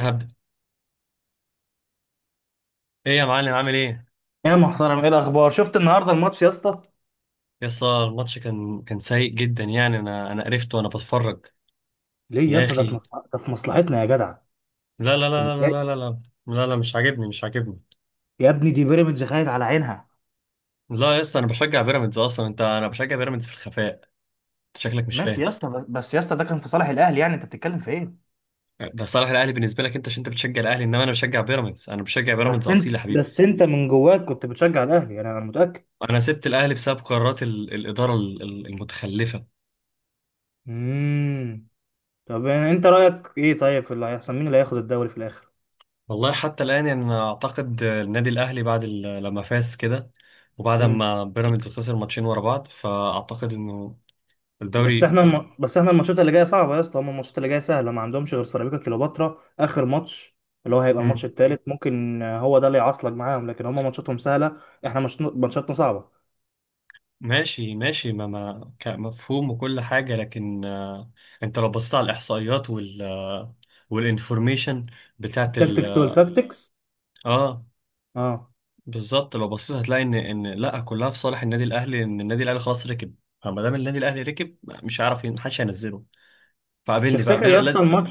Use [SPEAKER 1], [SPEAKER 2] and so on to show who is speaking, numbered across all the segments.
[SPEAKER 1] هبدأ. ايه يا معلم، عامل ايه؟
[SPEAKER 2] يا محترم، ايه الاخبار؟ شفت النهارده الماتش يا اسطى؟
[SPEAKER 1] يا اسطى، الماتش كان سيء جدا، يعني انا قرفت وانا بتفرج.
[SPEAKER 2] ليه يا
[SPEAKER 1] يا
[SPEAKER 2] اسطى؟ ده في
[SPEAKER 1] اخي،
[SPEAKER 2] مصلحة، ده في مصلحتنا يا جدع.
[SPEAKER 1] لا لا
[SPEAKER 2] انت
[SPEAKER 1] لا لا لا لا لا
[SPEAKER 2] متضايق؟
[SPEAKER 1] لا لا لا، مش عاجبني مش عاجبني.
[SPEAKER 2] يا ابني، دي بيراميدز خايف على عينها.
[SPEAKER 1] لا يا اسطى، انا بشجع بيراميدز اصلا، انا بشجع بيراميدز في الخفاء. انت شكلك مش
[SPEAKER 2] ماشي
[SPEAKER 1] فاهم.
[SPEAKER 2] يا اسطى، بس يا اسطى ده كان في صالح الاهلي، يعني انت بتتكلم في ايه؟
[SPEAKER 1] ده صالح الاهلي بالنسبه لك انت، عشان انت بتشجع الاهلي، انما انا بشجع بيراميدز، انا بشجع بيراميدز
[SPEAKER 2] بس
[SPEAKER 1] اصيل
[SPEAKER 2] انت
[SPEAKER 1] يا حبيبي.
[SPEAKER 2] بس انت من جواك كنت بتشجع الاهلي، انا متاكد.
[SPEAKER 1] انا سبت الاهلي بسبب قرارات الاداره المتخلفه.
[SPEAKER 2] امم. طب يعني انت رايك ايه طيب في اللي هيحصل؟ مين اللي هياخد الدوري في الاخر؟
[SPEAKER 1] والله حتى الآن، يعني أنا أعتقد النادي الأهلي بعد لما فاز كده، وبعد
[SPEAKER 2] امم.
[SPEAKER 1] ما بيراميدز خسر ماتشين ورا بعض، فأعتقد إنه الدوري.
[SPEAKER 2] بس احنا الماتشات اللي جايه صعبه يا اسطى، هم الماتشات اللي جايه سهله، ما عندهمش غير سيراميكا كليوباترا اخر ماتش، اللي هو هيبقى الماتش
[SPEAKER 1] مم،
[SPEAKER 2] الثالث. ممكن هو ده اللي يعصلك معاهم، لكن هم ماتشاتهم سهله. احنا مش... ماتشاتنا صعبه.
[SPEAKER 1] ماشي ماشي، ما ما كمفهوم وكل حاجة، لكن أنت لو بصيت على الإحصائيات وال آه، والإنفورميشن بتاعت ال
[SPEAKER 2] التكتكس والفاكتكس.
[SPEAKER 1] آه
[SPEAKER 2] اه.
[SPEAKER 1] بالظبط. لو بصيت هتلاقي إن لأ، كلها في صالح النادي الأهلي، إن النادي الأهلي خلاص ركب. فما دام النادي الأهلي ركب، مش هيعرف محدش هينزله، فقابلني بقى
[SPEAKER 2] تفتكر يا اسطى
[SPEAKER 1] لازم.
[SPEAKER 2] الماتش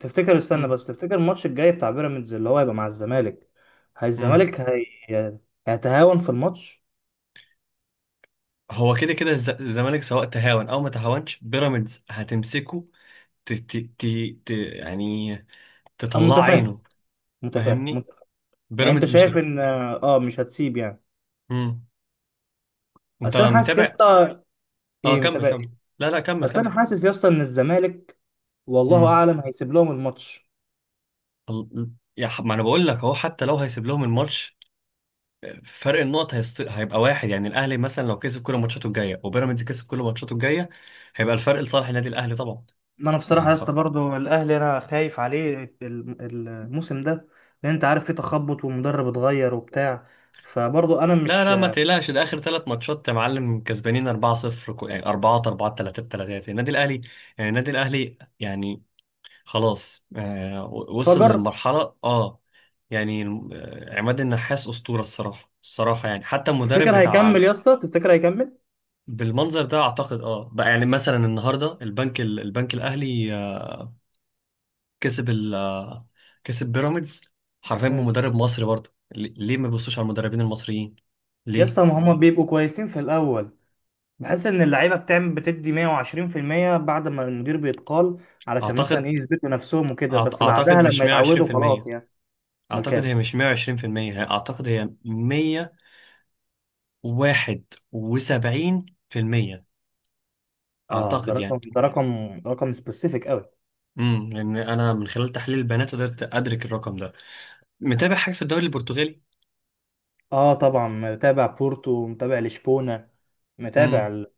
[SPEAKER 2] تفتكر استنى
[SPEAKER 1] مم،
[SPEAKER 2] بس تفتكر الماتش الجاي بتاع بيراميدز اللي هو هيبقى مع الزمالك؟ هي
[SPEAKER 1] مم.
[SPEAKER 2] الزمالك هي... هيتهاون في الماتش؟
[SPEAKER 1] هو كده كده الزمالك، سواء تهاون او ما تهاونش، بيراميدز هتمسكه، ت ت ت ت يعني
[SPEAKER 2] انا
[SPEAKER 1] تطلع
[SPEAKER 2] متفاهم،
[SPEAKER 1] عينه.
[SPEAKER 2] متفاهم،
[SPEAKER 1] فاهمني؟
[SPEAKER 2] متفاهم. يعني انت
[SPEAKER 1] بيراميدز مش
[SPEAKER 2] شايف ان اه مش هتسيب يعني.
[SPEAKER 1] مم. انت
[SPEAKER 2] اصل انا حاسس يا
[SPEAKER 1] متابع.
[SPEAKER 2] اسطى.
[SPEAKER 1] اه،
[SPEAKER 2] ايه،
[SPEAKER 1] كمل
[SPEAKER 2] متابع.
[SPEAKER 1] كمل. لا لا، كمل
[SPEAKER 2] بس انا
[SPEAKER 1] كمل.
[SPEAKER 2] حاسس يا اسطى ان الزمالك، والله
[SPEAKER 1] مم.
[SPEAKER 2] اعلم، هيسيب لهم الماتش.
[SPEAKER 1] ال- ما انا بقول لك اهو، حتى لو هيسيب لهم الماتش، فرق النقط هيبقى واحد. يعني الاهلي مثلا لو كسب كل ماتشاته الجايه وبيراميدز كسب كل ماتشاته الجايه، هيبقى الفرق لصالح النادي الاهلي طبعا.
[SPEAKER 2] ما انا بصراحه
[SPEAKER 1] يعني
[SPEAKER 2] يا اسطى
[SPEAKER 1] خلاص.
[SPEAKER 2] برضه الاهلي انا خايف عليه الموسم ده، لان انت عارف في تخبط والمدرب اتغير وبتاع، فبرضه انا
[SPEAKER 1] لا
[SPEAKER 2] مش
[SPEAKER 1] لا، ما تقلقش، ده اخر ثلاث ماتشات يا معلم كسبانين 4-0، يعني 4 4 3 3 النادي الاهلي، يعني النادي الاهلي. يعني خلاص، وصل
[SPEAKER 2] فجر.
[SPEAKER 1] للمرحله. اه، يعني عماد النحاس اسطوره الصراحه الصراحه، يعني حتى المدرب
[SPEAKER 2] تفتكر
[SPEAKER 1] بتاع
[SPEAKER 2] هيكمل يا اسطى؟ تفتكر هيكمل؟
[SPEAKER 1] بالمنظر ده، اعتقد. اه بقى، يعني مثلا النهارده البنك البنك الاهلي كسب ال آه، كسب بيراميدز حرفيا
[SPEAKER 2] امم.
[SPEAKER 1] بمدرب مصري. برضه ليه ليه ما بيبصوش على المدربين المصريين؟
[SPEAKER 2] يا
[SPEAKER 1] ليه؟
[SPEAKER 2] اسطى، ما هم بيبقوا كويسين في الاول. بحس ان اللعيبه بتدي 120% بعد ما المدير بيتقال، علشان مثلا
[SPEAKER 1] اعتقد
[SPEAKER 2] ايه، يثبتوا نفسهم وكده. بس بعدها
[SPEAKER 1] اعتقد مش
[SPEAKER 2] لما يتعودوا
[SPEAKER 1] 120%.
[SPEAKER 2] خلاص يعني.
[SPEAKER 1] اعتقد
[SPEAKER 2] ملكان.
[SPEAKER 1] هي مش 120%، هي اعتقد هي 171%،
[SPEAKER 2] اه،
[SPEAKER 1] اعتقد يعني.
[SPEAKER 2] ده رقم، رقم سبيسيفيك قوي.
[SPEAKER 1] لان انا من خلال تحليل البيانات قدرت ادرك الرقم ده. متابع حاجه في الدوري البرتغالي؟
[SPEAKER 2] اه طبعا، متابع بورتو، متابع لشبونة، متابع
[SPEAKER 1] امم.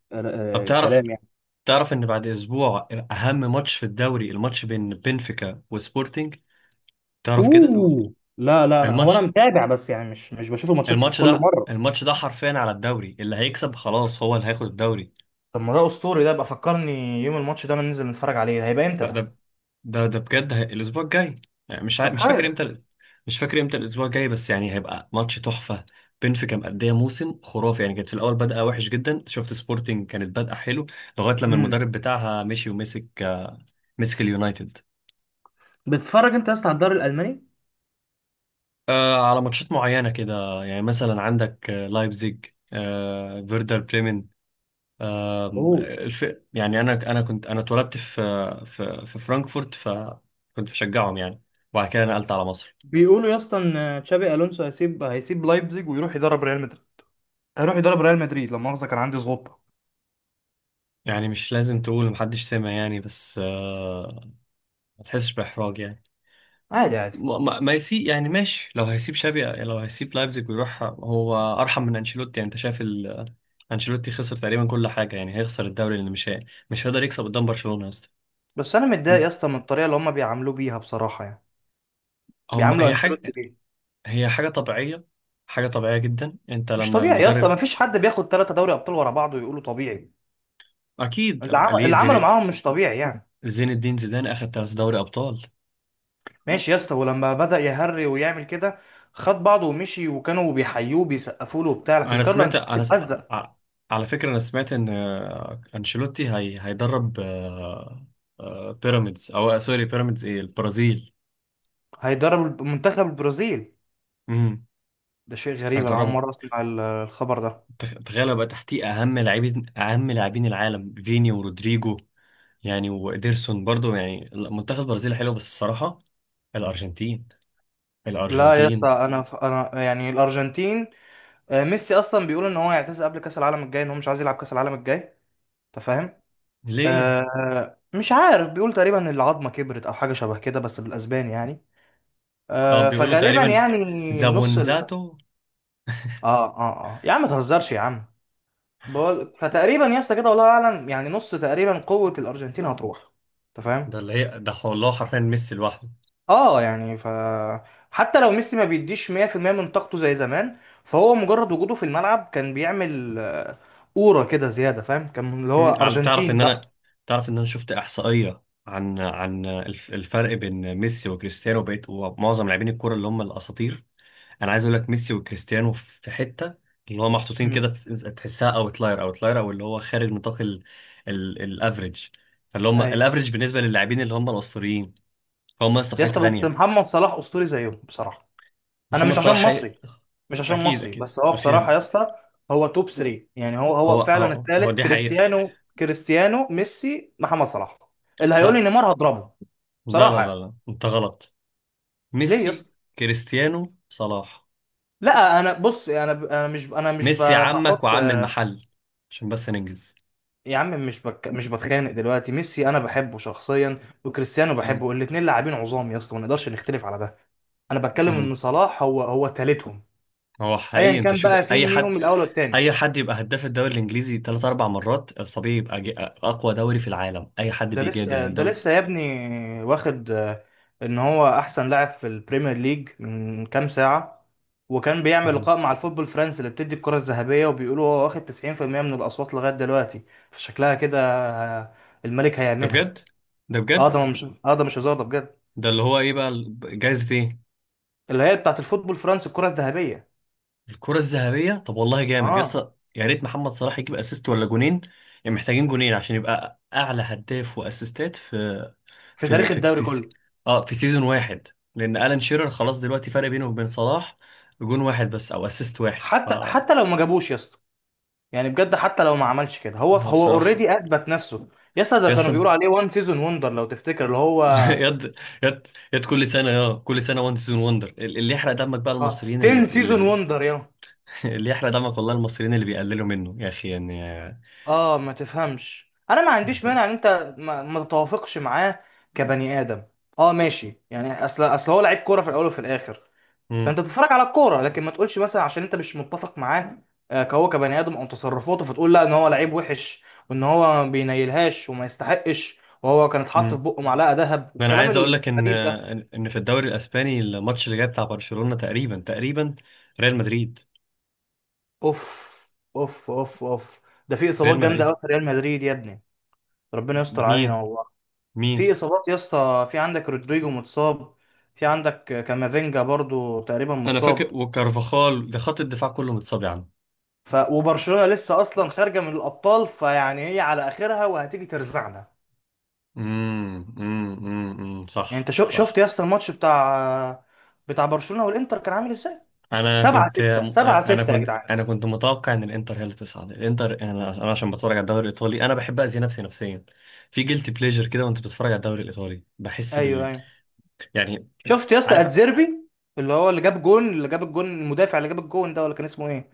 [SPEAKER 1] طب تعرف،
[SPEAKER 2] الكلام يعني.
[SPEAKER 1] تعرف ان بعد اسبوع اهم ماتش في الدوري، الماتش بين بنفيكا وسبورتنج، تعرف كده؟
[SPEAKER 2] اوه، لا لا، انا
[SPEAKER 1] الماتش
[SPEAKER 2] متابع، بس يعني مش بشوف الماتشات
[SPEAKER 1] الماتش
[SPEAKER 2] كل
[SPEAKER 1] ده،
[SPEAKER 2] مرة.
[SPEAKER 1] الماتش ده حرفيا على الدوري، اللي هيكسب خلاص هو اللي هياخد الدوري.
[SPEAKER 2] طب ما ده اسطوري، ده بقى فكرني يوم الماتش ده. انا ننزل نتفرج عليه، ده هيبقى امتى ده؟
[SPEAKER 1] ده بجد الاسبوع الجاي، يعني مش
[SPEAKER 2] طب
[SPEAKER 1] مش فاكر
[SPEAKER 2] حلو.
[SPEAKER 1] امتى، مش فاكر امتى الاسبوع الجاي بس، يعني هيبقى ماتش تحفه. بنفيكا مأديه موسم خرافي، يعني كانت في الاول بادئه وحش جدا، شفت سبورتنج كانت بادئه حلو لغايه لما
[SPEAKER 2] امم.
[SPEAKER 1] المدرب بتاعها مشي ومسك، مسك اليونايتد.
[SPEAKER 2] بتتفرج انت يا اسطى على الدوري الالماني؟
[SPEAKER 1] على ماتشات معينه كده، يعني مثلا عندك لايبزيج، فيردر بريمن، آه
[SPEAKER 2] اوه.
[SPEAKER 1] الف... يعني انا اتولدت في فرانكفورت، فكنت بشجعهم يعني، وبعد كده نقلت على مصر.
[SPEAKER 2] بيقولوا يا اسطى ان تشابي الونسو هيسيب لايبزيج ويروح يدرب ريال مدريد. هيروح يدرب ريال مدريد، لا مؤاخذة كان عندي سقطة.
[SPEAKER 1] يعني مش لازم تقول، محدش سمع يعني، بس ما تحسش بإحراج يعني.
[SPEAKER 2] عادي عادي.
[SPEAKER 1] ما يسيب يعني، ماشي، لو هيسيب شابي، لو هيسيب لايبزيج ويروح، هو أرحم من أنشيلوتي. يعني أنت شايف، أنشيلوتي خسر تقريبا كل حاجة، يعني هيخسر الدوري، لأنه مش مش هيقدر يكسب قدام برشلونة يا اسطى.
[SPEAKER 2] بس انا متضايق
[SPEAKER 1] م-
[SPEAKER 2] يا اسطى من الطريقه اللي هم بيعاملوه بيها بصراحه يعني.
[SPEAKER 1] هم
[SPEAKER 2] بيعاملوا
[SPEAKER 1] حاجة،
[SPEAKER 2] انشيلوتي
[SPEAKER 1] هي حاجة طبيعية، حاجة طبيعية جدا. أنت
[SPEAKER 2] مش
[SPEAKER 1] لما
[SPEAKER 2] طبيعي يا اسطى، ما
[SPEAKER 1] المدرب.
[SPEAKER 2] فيش حد بياخد 3 دوري ابطال ورا بعض ويقولوا طبيعي.
[SPEAKER 1] أكيد ليه
[SPEAKER 2] اللي عملوا
[SPEAKER 1] زين،
[SPEAKER 2] معاهم مش طبيعي يعني.
[SPEAKER 1] زين الدين زيدان أخد تلات دوري أبطال.
[SPEAKER 2] ماشي يا اسطى، ولما بدأ يهري ويعمل كده خد بعضه ومشي، وكانوا بيحيوه بيسقفوا له وبتاع، لكن
[SPEAKER 1] انا
[SPEAKER 2] كارلو
[SPEAKER 1] سمعت،
[SPEAKER 2] انشيلوتي اتأذى.
[SPEAKER 1] ع- على فكره انا سمعت ان انشيلوتي هيدرب بيراميدز او سوري بيراميدز، ايه، البرازيل.
[SPEAKER 2] هيدرب منتخب البرازيل.
[SPEAKER 1] امم.
[SPEAKER 2] ده شيء غريب، انا اول
[SPEAKER 1] هيدربه.
[SPEAKER 2] مرة اسمع الخبر ده.
[SPEAKER 1] تخيل بقى تحتيه اهم لاعبين، اهم لاعبين العالم فيني ورودريجو، يعني وإيدرسون برضو. يعني منتخب البرازيل حلو بس الصراحه، الارجنتين.
[SPEAKER 2] لا يا اسطى،
[SPEAKER 1] الارجنتين.
[SPEAKER 2] انا يعني الارجنتين. ميسي اصلا بيقول ان هو هيعتزل قبل كاس العالم الجاي، ان هو مش عايز يلعب كاس العالم الجاي، انت فاهم؟
[SPEAKER 1] ليه؟
[SPEAKER 2] مش عارف، بيقول تقريبا العظمه كبرت او حاجه شبه كده بس بالاسباني يعني.
[SPEAKER 1] اه، بيقولوا
[SPEAKER 2] فغالبا
[SPEAKER 1] تقريبا
[SPEAKER 2] يعني نص ال...
[SPEAKER 1] زابونزاتو.
[SPEAKER 2] اه اه. اه يا عم، ما تهزرش يا عم. بقول، فتقريبا يا اسطى كده والله اعلم، يعني نص تقريبا قوة الارجنتين هتروح، انت فاهم؟
[SPEAKER 1] ده اللي ده والله حرفيا ميسي لوحده.
[SPEAKER 2] اه يعني ف. حتى لو ميسي ما بيديش 100% من طاقته زي زمان، فهو مجرد وجوده في الملعب كان بيعمل أورا كده زيادة، فاهم، كان اللي هو
[SPEAKER 1] مم، على تعرف
[SPEAKER 2] ارجنتين
[SPEAKER 1] ان انا،
[SPEAKER 2] بقى.
[SPEAKER 1] تعرف ان انا شفت احصائيه عن الفرق بين ميسي وكريستيانو بقيت ومعظم لاعبين الكوره اللي هم الاساطير. انا عايز اقول لك ميسي وكريستيانو في حته، اللي هو محطوطين
[SPEAKER 2] مم.
[SPEAKER 1] كده تحسها اوتلاير، او اللي هو خارج نطاق الافريج. فاللي هم
[SPEAKER 2] ايوه.
[SPEAKER 1] الافريج بالنسبه للاعبين اللي هم الاسطوريين، فهم لسه في
[SPEAKER 2] يا
[SPEAKER 1] حته
[SPEAKER 2] اسطى، بس
[SPEAKER 1] تانيه.
[SPEAKER 2] محمد صلاح اسطوري زيهم بصراحة. انا
[SPEAKER 1] محمد
[SPEAKER 2] مش
[SPEAKER 1] صلاح
[SPEAKER 2] عشان
[SPEAKER 1] حقيقي.
[SPEAKER 2] مصري، مش عشان
[SPEAKER 1] اكيد
[SPEAKER 2] مصري،
[SPEAKER 1] اكيد
[SPEAKER 2] بس هو بصراحه
[SPEAKER 1] افهم.
[SPEAKER 2] يا اسطى، هو توب 3. يعني هو
[SPEAKER 1] هو
[SPEAKER 2] فعلا
[SPEAKER 1] هو هو
[SPEAKER 2] الثالث،
[SPEAKER 1] دي حقيقه.
[SPEAKER 2] كريستيانو، ميسي، محمد صلاح. اللي هيقول لي
[SPEAKER 1] لا
[SPEAKER 2] نيمار هضربه،
[SPEAKER 1] لا لا
[SPEAKER 2] بصراحه
[SPEAKER 1] لا،
[SPEAKER 2] يعني.
[SPEAKER 1] لا. انت غلط.
[SPEAKER 2] ليه يا
[SPEAKER 1] ميسي،
[SPEAKER 2] اسطى؟
[SPEAKER 1] كريستيانو، صلاح.
[SPEAKER 2] لا انا بص، انا انا مش انا مش
[SPEAKER 1] ميسي
[SPEAKER 2] ب-
[SPEAKER 1] عمك
[SPEAKER 2] بحط.
[SPEAKER 1] وعم المحل. عشان بس ننجز.
[SPEAKER 2] يا عم، مش بك مش بتخانق دلوقتي. ميسي انا بحبه شخصيا، وكريستيانو
[SPEAKER 1] مم.
[SPEAKER 2] بحبه، الاثنين لاعبين عظام يا اسطى، ما نقدرش نختلف على ده. انا بتكلم
[SPEAKER 1] مم.
[SPEAKER 2] ان صلاح هو ثالثهم،
[SPEAKER 1] هو
[SPEAKER 2] ايا
[SPEAKER 1] حقيقي، انت
[SPEAKER 2] كان
[SPEAKER 1] شوف
[SPEAKER 2] بقى في
[SPEAKER 1] اي حد،
[SPEAKER 2] ميهم الاول والثاني.
[SPEAKER 1] اي حد يبقى هداف الدوري الانجليزي ثلاث اربع مرات، الطبيعي يبقى اقوى دوري في العالم، اي حد
[SPEAKER 2] ده
[SPEAKER 1] بيجادل ان
[SPEAKER 2] لسه ده
[SPEAKER 1] الدوري.
[SPEAKER 2] لسه يا ابني، واخد ان هو احسن لاعب في البريمير ليج من كام ساعة، وكان بيعمل
[SPEAKER 1] مم.
[SPEAKER 2] لقاء مع الفوتبول الفرنسي اللي بتدي الكرة الذهبية، وبيقولوا هو واخد 90% من الأصوات لغاية دلوقتي. فشكلها كده، آه، الملك
[SPEAKER 1] ده
[SPEAKER 2] هيعملها.
[SPEAKER 1] بجد، ده
[SPEAKER 2] اه
[SPEAKER 1] بجد،
[SPEAKER 2] ده مش اه ده مش هزار، ده بجد.
[SPEAKER 1] ده اللي هو ايه بقى، جايزة ايه؟
[SPEAKER 2] اللي هي بتاعت الفوتبول الفرنسي، الكرة الذهبية.
[SPEAKER 1] الكرة الذهبية. طب والله جامد يا
[SPEAKER 2] اه،
[SPEAKER 1] اسطى، يا ريت محمد صلاح يجيب اسيست ولا جونين، يعني محتاجين جونين عشان يبقى اعلى هداف واسيستات في
[SPEAKER 2] في
[SPEAKER 1] في
[SPEAKER 2] تاريخ
[SPEAKER 1] في
[SPEAKER 2] الدوري
[SPEAKER 1] في س-
[SPEAKER 2] كله.
[SPEAKER 1] اه، في سيزون واحد، لان الان شيرر خلاص دلوقتي فرق بينه وبين صلاح جون واحد بس او اسيست واحد. ف
[SPEAKER 2] حتى لو ما جابوش يا اسطى، يعني بجد حتى لو ما عملش كده، هو
[SPEAKER 1] هو
[SPEAKER 2] هو
[SPEAKER 1] بصراحه
[SPEAKER 2] اوريدي اثبت نفسه. يا اسطى ده
[SPEAKER 1] يا
[SPEAKER 2] كانوا
[SPEAKER 1] اسطى
[SPEAKER 2] بيقولوا عليه وان سيزون وندر لو تفتكر اللي هو
[SPEAKER 1] يد يد يد كل سنه، كل سنه وان سيزون وندر. اللي يحرق دمك بقى
[SPEAKER 2] اه
[SPEAKER 1] المصريين
[SPEAKER 2] 10 سيزون وندر يا.
[SPEAKER 1] اللي يحرق دمك والله المصريين اللي بيقللوا منه يا اخي، يعني
[SPEAKER 2] اه ما تفهمش، انا ما عنديش
[SPEAKER 1] انت.
[SPEAKER 2] مانع ان انت ما تتوافقش معاه كبني ادم. اه ماشي يعني، اصل هو لعيب كوره في الاول وفي الاخر،
[SPEAKER 1] امم.
[SPEAKER 2] فانت بتتفرج على الكوره، لكن ما تقولش مثلا عشان انت مش متفق معاه كهو كبني ادم او تصرفاته، فتقول لا ان هو لعيب وحش وان هو ما بينيلهاش وما يستحقش. وهو كان اتحط في
[SPEAKER 1] امم.
[SPEAKER 2] بقه معلقه ذهب،
[SPEAKER 1] ده انا
[SPEAKER 2] والكلام
[SPEAKER 1] عايز اقول لك ان
[SPEAKER 2] الغريب ده.
[SPEAKER 1] إن في الدوري الاسباني، الماتش اللي جاي بتاع برشلونه، تقريبا، تقريبا ريال مدريد،
[SPEAKER 2] اوف اوف اوف اوف. ده في اصابات
[SPEAKER 1] ريال
[SPEAKER 2] جامده قوي
[SPEAKER 1] مدريد.
[SPEAKER 2] في ريال مدريد يا ابني، ربنا يستر علينا
[SPEAKER 1] مين؟
[SPEAKER 2] والله. في
[SPEAKER 1] مين؟
[SPEAKER 2] اصابات يا اسطى، في عندك رودريجو متصاب، في عندك كامافينجا برضو تقريبا
[SPEAKER 1] انا فاكر،
[SPEAKER 2] متصاب.
[SPEAKER 1] وكارفاخال، ده خط الدفاع كله متصاب يعني.
[SPEAKER 2] وبرشلونة لسه اصلا خارجة من الابطال، فيعني هي على اخرها وهتيجي ترزعنا.
[SPEAKER 1] امم، امم، امم،
[SPEAKER 2] يعني
[SPEAKER 1] صح
[SPEAKER 2] انت شفت
[SPEAKER 1] صح.
[SPEAKER 2] يا اسطى الماتش بتاع برشلونة والانتر كان عامل ازاي؟
[SPEAKER 1] انا
[SPEAKER 2] 7
[SPEAKER 1] كنت
[SPEAKER 2] 6 7 6 يا جدعان.
[SPEAKER 1] انا كنت متوقع ان الانتر هي اللي تصعد. الانتر انا عشان بتفرج على الدوري الايطالي، انا بحب اذي نفسي نفسيا. في جيلتي بليجر كده، وانت بتتفرج على الدوري الايطالي بحس
[SPEAKER 2] ايوه
[SPEAKER 1] بال،
[SPEAKER 2] ايوه.
[SPEAKER 1] يعني.
[SPEAKER 2] شفت يا اسطى
[SPEAKER 1] عارف.
[SPEAKER 2] اتزيربي، اللي هو اللي جاب الجون المدافع، اللي جاب الجون ده، ولا كان اسمه ايه؟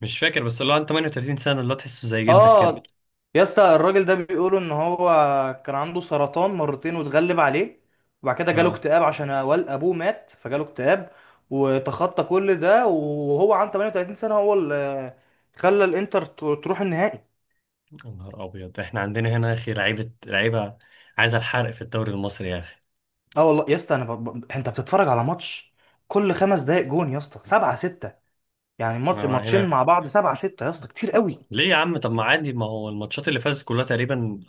[SPEAKER 1] مش فاكر، بس اللي هو عن 38 سنه، اللي هو تحسه زي جدك كده.
[SPEAKER 2] اه، يا اسطى الراجل ده بيقولوا ان هو كان عنده سرطان مرتين واتغلب عليه، وبعد كده جاله
[SPEAKER 1] اه.
[SPEAKER 2] اكتئاب عشان ابوه مات، فجاله اكتئاب، وتخطى كل ده وهو عنده 38 سنة. هو اللي خلى الانتر تروح النهائي.
[SPEAKER 1] يا نهار ابيض، احنا عندنا هنا يا اخي لعيبه لعيبه، عايزه الحرق في الدوري المصري يا اخي.
[SPEAKER 2] اه والله يا اسطى، انت بتتفرج على ماتش، كل 5 دقايق جون يا اسطى، 7-6. يعني ماتش ماتشين
[SPEAKER 1] هنا،
[SPEAKER 2] مع بعض 7-6 يا اسطى، كتير قوي.
[SPEAKER 1] ليه يا عم؟ طب ما عادي، ما هو الماتشات اللي فاتت كلها تقريبا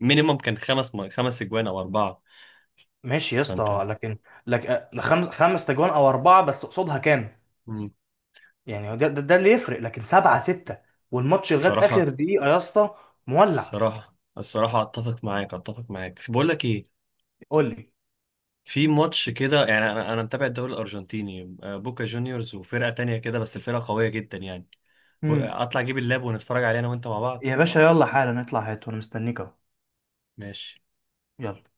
[SPEAKER 1] مينيمم كان خمس اجوان او اربعه،
[SPEAKER 2] ماشي يا
[SPEAKER 1] فانت.
[SPEAKER 2] اسطى، لكن لك خمس تجوان او 4، بس قصادها كام؟
[SPEAKER 1] مم.
[SPEAKER 2] يعني هو ده اللي يفرق، لكن 7-6 والماتش لغاية آخر
[SPEAKER 1] الصراحه،
[SPEAKER 2] دقيقة يا اسطى مولع.
[SPEAKER 1] الصراحه الصراحه، اتفق معاك، اتفق معاك، في بقول لك ايه،
[SPEAKER 2] قول لي.
[SPEAKER 1] في ماتش كده يعني. انا متابع الدوري الارجنتيني بوكا جونيورز وفرقه تانية كده، بس الفرقه قويه جدا يعني.
[SPEAKER 2] امم.
[SPEAKER 1] اطلع اجيب اللاب ونتفرج عليه انا وانت مع بعض.
[SPEAKER 2] يا باشا، يلا حالا نطلع، هات وانا مستنيك اهو.
[SPEAKER 1] ماشي.
[SPEAKER 2] يلا.